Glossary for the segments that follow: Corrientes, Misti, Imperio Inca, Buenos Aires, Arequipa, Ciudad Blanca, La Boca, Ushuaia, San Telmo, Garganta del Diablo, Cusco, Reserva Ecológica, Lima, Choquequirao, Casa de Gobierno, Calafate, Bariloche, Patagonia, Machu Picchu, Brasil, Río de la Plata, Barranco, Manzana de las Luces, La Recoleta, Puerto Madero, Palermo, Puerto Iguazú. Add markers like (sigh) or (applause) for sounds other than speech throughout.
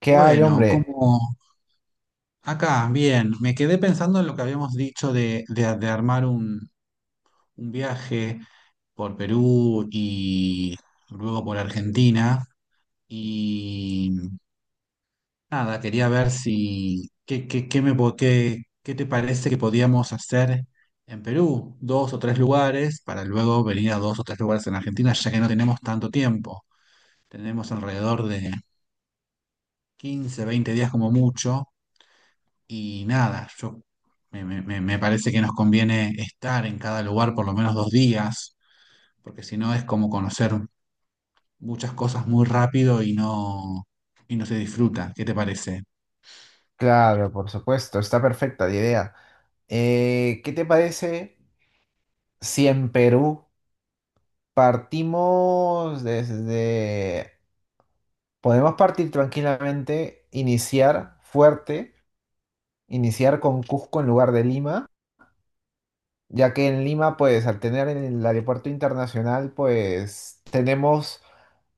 ¿Qué hay, Bueno, hombre? como acá, bien, me quedé pensando en lo que habíamos dicho de armar un viaje por Perú y luego por Argentina. Y nada, quería ver si, qué, qué, qué me, po- qué, qué te parece que podíamos hacer en Perú, dos o tres lugares, para luego venir a dos o tres lugares en Argentina, ya que no tenemos tanto tiempo. Tenemos alrededor de 15 20 días como mucho. Y nada, yo me parece que nos conviene estar en cada lugar por lo menos 2 días, porque si no es como conocer muchas cosas muy rápido y no se disfruta. ¿Qué te parece? Claro, por supuesto, está perfecta la idea. ¿Qué te parece si en Perú partimos desde. Podemos partir tranquilamente, iniciar fuerte, iniciar con Cusco en lugar de Lima, ya que en Lima, pues al tener el aeropuerto internacional, pues tenemos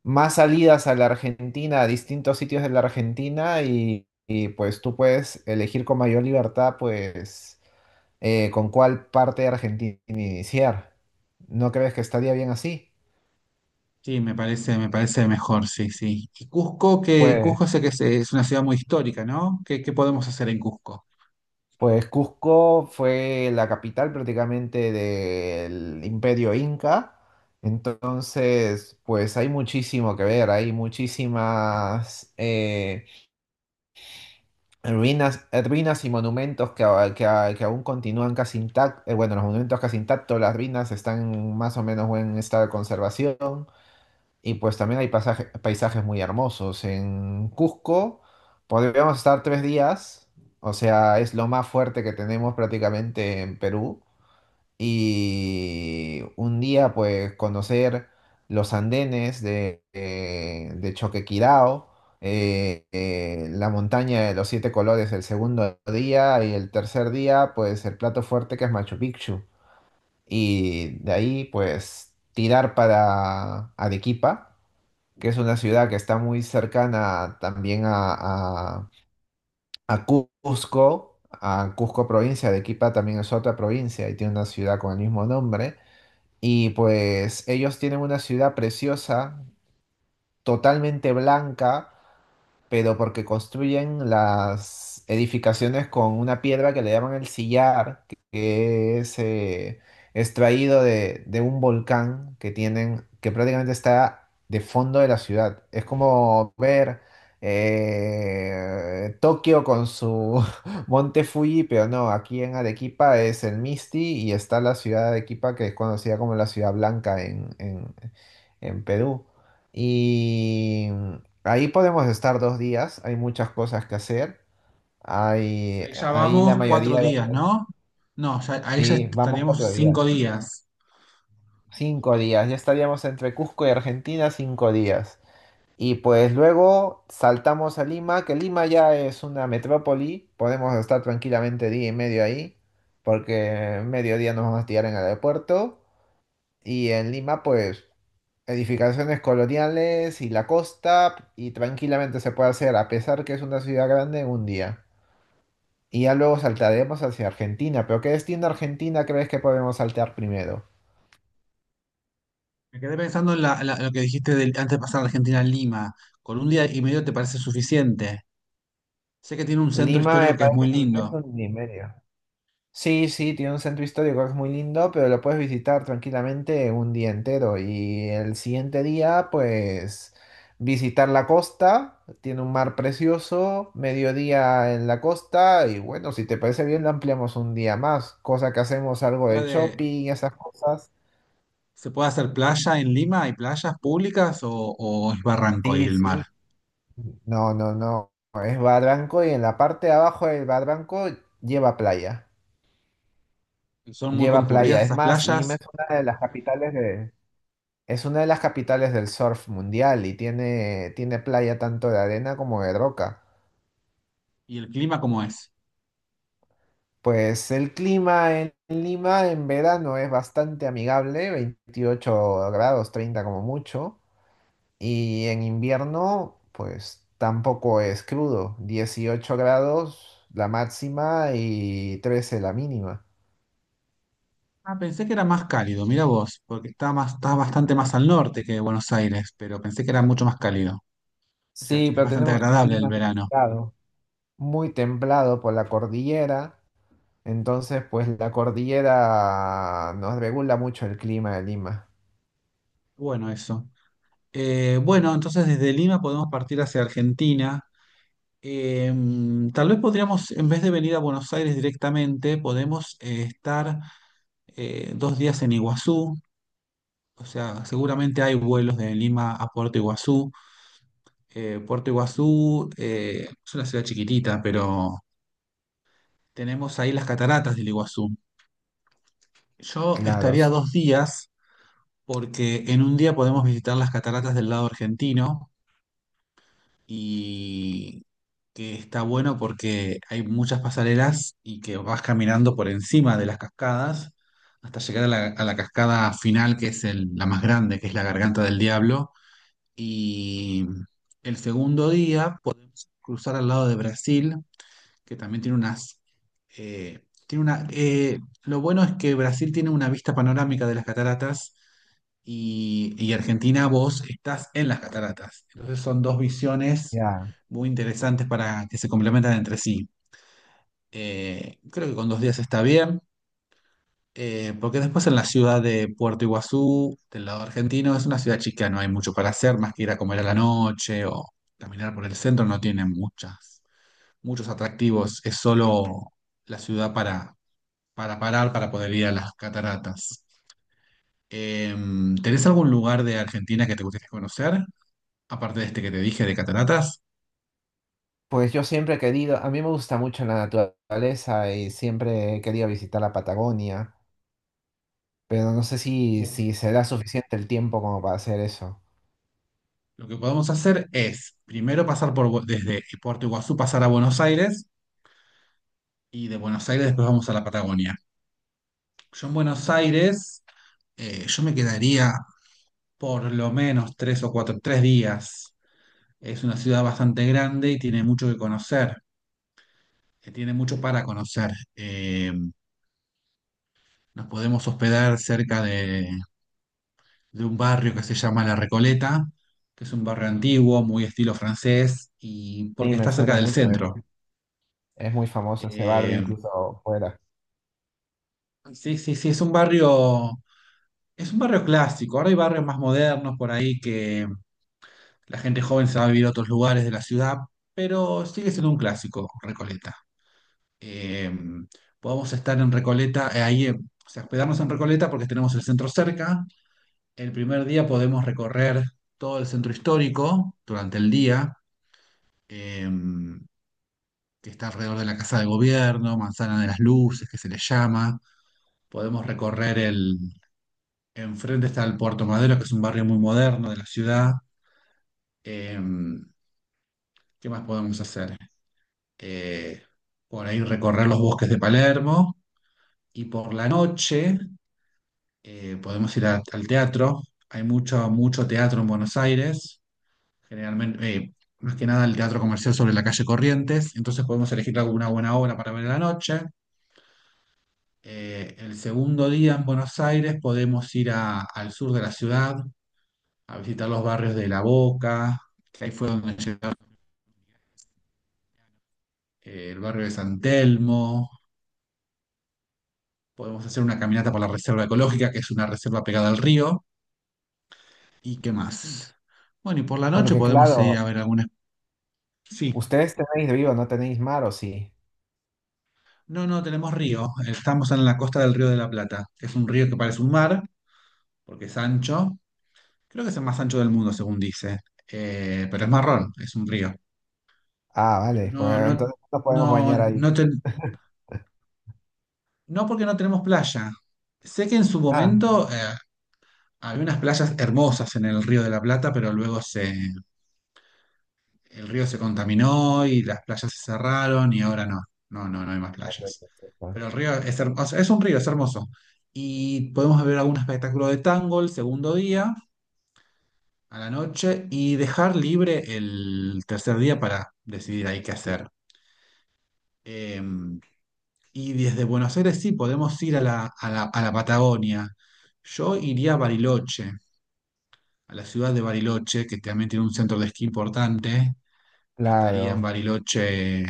más salidas a la Argentina, a distintos sitios de la Argentina y, pues tú puedes elegir con mayor libertad, pues con cuál parte de Argentina iniciar. ¿No crees que estaría bien así? Sí, me parece mejor, sí, sí. Y Cusco, que Pues, Cusco sé que es una ciudad muy histórica, ¿no? ¿Qué, qué podemos hacer en Cusco? pues, Cusco fue la capital prácticamente del Imperio Inca. Entonces, pues hay muchísimo que ver, hay muchísimas ruinas y monumentos que aún continúan casi intactos, bueno, los monumentos casi intactos, las ruinas están en más o menos buen estado de conservación. Y pues también hay paisajes muy hermosos. En Cusco podríamos estar 3 días, o sea, es lo más fuerte que tenemos prácticamente en Perú. Y un día pues conocer los andenes de Choquequirao, la montaña de los siete colores el segundo día y el tercer día pues el plato fuerte que es Machu Picchu. Y de ahí pues tirar para Arequipa que es una ciudad que está muy cercana también a- a Cusco, a Cusco provincia. Arequipa también es otra provincia y tiene una ciudad con el mismo nombre. Y pues ellos tienen una ciudad preciosa, totalmente blanca, pero porque construyen las edificaciones con una piedra que le llaman el sillar, que es extraído de un volcán que tienen, que prácticamente está de fondo de la ciudad. Es como ver Tokio con su (laughs) Monte Fuji, pero no, aquí en Arequipa es el Misti y está la ciudad de Arequipa, que es conocida como la Ciudad Blanca en Perú. Y, Ahí podemos estar 2 días, hay muchas cosas que hacer. Hay, Ahí ya ahí la vamos cuatro mayoría, días, ¿no? No, ahí ya sí, vamos estaríamos 4 días, 5 días. 5 días. Ya estaríamos entre Cusco y Argentina, 5 días. Y pues luego saltamos a Lima, que Lima ya es una metrópoli, podemos estar tranquilamente día y medio ahí, porque mediodía nos vamos a tirar en el aeropuerto. Y en Lima, pues, edificaciones coloniales y la costa, y tranquilamente se puede hacer, a pesar que es una ciudad grande, en un día. Y ya luego saltaremos hacia Argentina. Pero ¿qué destino de Argentina crees que podemos saltar primero? Me quedé pensando en lo que dijiste antes de pasar de Argentina a Lima. ¿Con un día y medio te parece suficiente? Sé que tiene un centro Lima me histórico que es parece muy urgente lindo. un día y medio. Sí, sí, tiene un centro histórico que es muy lindo, pero lo puedes visitar tranquilamente un día entero. Y el siguiente día, pues, visitar la costa. Tiene un mar precioso, mediodía en la costa. Y bueno, si te parece bien, lo ampliamos un día más. Cosa que hacemos algo de ¿Puede, shopping y esas cosas. se puede hacer playa en Lima? ¿Hay playas públicas o es barranco y Sí, el mar? sí. No, no, no. Es Barranco y en la parte de abajo del Barranco lleva playa. ¿Son muy Lleva playa. concurridas Es esas más, Lima playas? es una de las capitales de, es una de las capitales del surf mundial y tiene, tiene playa tanto de arena como de roca. ¿Y el clima cómo es? Pues el clima en Lima en verano es bastante amigable, 28 grados, 30 como mucho. Y en invierno, pues tampoco es crudo, 18 grados la máxima y 13 la mínima. Ah, pensé que era más cálido, mira vos, porque está bastante más al norte que Buenos Aires, pero pensé que era mucho más cálido. O sea, Sí, es pero bastante tenemos un agradable el clima verano. templado, muy templado por la cordillera, entonces pues la cordillera nos regula mucho el clima de Lima. Bueno, eso. Bueno, entonces desde Lima podemos partir hacia Argentina. Eh, tal vez podríamos, en vez de venir a Buenos Aires directamente, podemos estar 2 días en Iguazú. O sea, seguramente hay vuelos de Lima a Puerto Iguazú. Puerto Iguazú es una ciudad chiquitita, pero tenemos ahí las cataratas del Iguazú. Yo estaría Claros. 2 días porque en un día podemos visitar las cataratas del lado argentino y que está bueno porque hay muchas pasarelas y que vas caminando por encima de las cascadas hasta llegar a la cascada final, que es la más grande, que es la Garganta del Diablo. Y el segundo día, puedes cruzar al lado de Brasil que también eh, tiene una, lo bueno es que Brasil tiene una vista panorámica de las cataratas y Argentina vos estás en las cataratas. Entonces son dos visiones Ya. muy interesantes para que se complementan entre sí. Creo que con 2 días está bien, porque después en la ciudad de Puerto Iguazú, del lado argentino, es una ciudad chica, no hay mucho para hacer, más que ir a comer a la noche o caminar por el centro, no tiene muchas muchos atractivos. Es solo la ciudad para parar, para poder ir a las cataratas. ¿Tenés algún lugar de Argentina que te gustaría conocer? Aparte de este que te dije de cataratas. Pues yo siempre he querido, a mí me gusta mucho la naturaleza y siempre he querido visitar la Patagonia, pero no sé si, Bu- si será suficiente el tiempo como para hacer eso. Lo que podemos hacer es primero pasar desde Puerto Iguazú, pasar a Buenos Aires y de Buenos Aires después vamos a la Patagonia. Yo en Buenos Aires, yo me quedaría por lo menos tres días. Es una ciudad bastante grande y tiene mucho que conocer. Que tiene mucho para conocer. Nos podemos hospedar cerca de un barrio que se llama La Recoleta, que es un barrio antiguo, muy estilo francés, y Sí, porque me está cerca suena del mucho. centro. Es muy famoso ese barrio Eh, incluso fuera. sí, sí, sí, es un barrio clásico. Ahora hay barrios más modernos por ahí que la gente joven se va a vivir a otros lugares de la ciudad, pero sigue siendo un clásico, Recoleta. Eh, podemos estar en Recoleta, ahí, o sea, hospedarnos en Recoleta porque tenemos el centro cerca. El primer día podemos recorrer todo el centro histórico durante el día, eh, que está alrededor de la Casa de Gobierno, Manzana de las Luces, que se le llama. Podemos recorrer el. Enfrente está el Puerto Madero, que es un barrio muy moderno de la ciudad. Eh, ¿qué más podemos hacer? Eh, por ahí recorrer los bosques de Palermo y por la noche podemos ir al teatro. Hay mucho, mucho teatro en Buenos Aires. Generalmente, más que nada el teatro comercial sobre la calle Corrientes, entonces podemos elegir alguna buena obra para ver en la noche. El segundo día en Buenos Aires podemos ir al sur de la ciudad, a visitar los barrios de La Boca, que ahí fue donde llegaron el barrio de San Telmo, podemos hacer una caminata por la Reserva Ecológica, que es una reserva pegada al río, y qué más. Bueno, y por la noche Porque podemos ir claro, a ver algunas. Sí. ustedes tenéis río, no tenéis mar, ¿o sí? No, no, tenemos río. Estamos en la costa del Río de la Plata. Es un río que parece un mar, porque es ancho. Creo que es el más ancho del mundo, según dice. Pero es marrón, es un río. Ah, Pero vale, pues no, no, entonces nos podemos no, bañar ahí. no, (laughs) no porque no tenemos playa. Sé que en su Ah, momento había unas playas hermosas en el Río de la Plata, pero luego el río se contaminó y las playas se cerraron y ahora no, no, no, no hay más ok, playas. perfecto. Pero el río es hermoso, es un río, es hermoso. Y podemos ver algún espectáculo de tango el segundo día, a la noche, y dejar libre el tercer día para decidir ahí qué hacer. Eh, y desde Buenos Aires sí, podemos ir a la Patagonia. Yo iría a Bariloche, a la ciudad de Bariloche, que también tiene un centro de esquí importante. Estaría en Claro. Bariloche.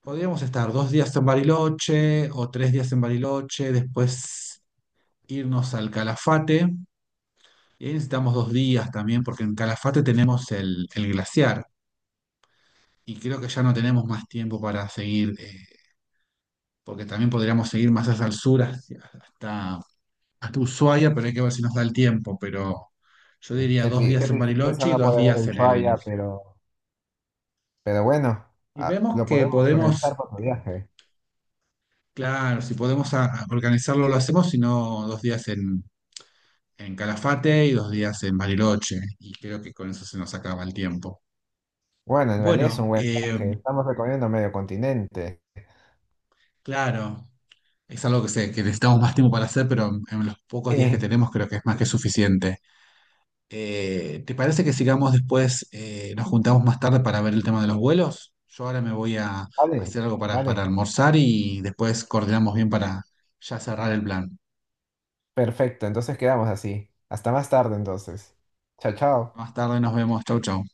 Podríamos estar 2 días en Bariloche o 3 días en Bariloche, después irnos al Calafate. Y ahí necesitamos 2 días también, porque en Calafate tenemos el glaciar. Y creo que ya no tenemos más tiempo para seguir, porque también podríamos seguir más hacia el sur, hasta Ushuaia, pero hay que ver si nos da el tiempo. Pero yo Qué, diría qué dos tri- días qué en tristeza Bariloche y no dos poder ver días en el. Ushuaia, pero bueno, Y ah, vemos lo que podemos organizar podemos, para tu viaje. claro, si podemos a organizarlo, lo hacemos, si no, 2 días en Calafate y 2 días en Bariloche, y creo que con eso se nos acaba el tiempo. Bueno, en realidad es un Bueno, buen viaje. Estamos recorriendo medio continente. claro, es algo que, sé, que necesitamos más tiempo para hacer, pero en los pocos días que Sí. tenemos creo que es más que suficiente. ¿Te parece que sigamos después, nos juntamos más tarde para ver el tema de los vuelos? Yo ahora me voy a Vale, hacer algo para vale. almorzar y después coordinamos bien para ya cerrar el plan. Perfecto, entonces quedamos así. Hasta más tarde entonces. Chao, chao. Más tarde nos vemos, chau, chau.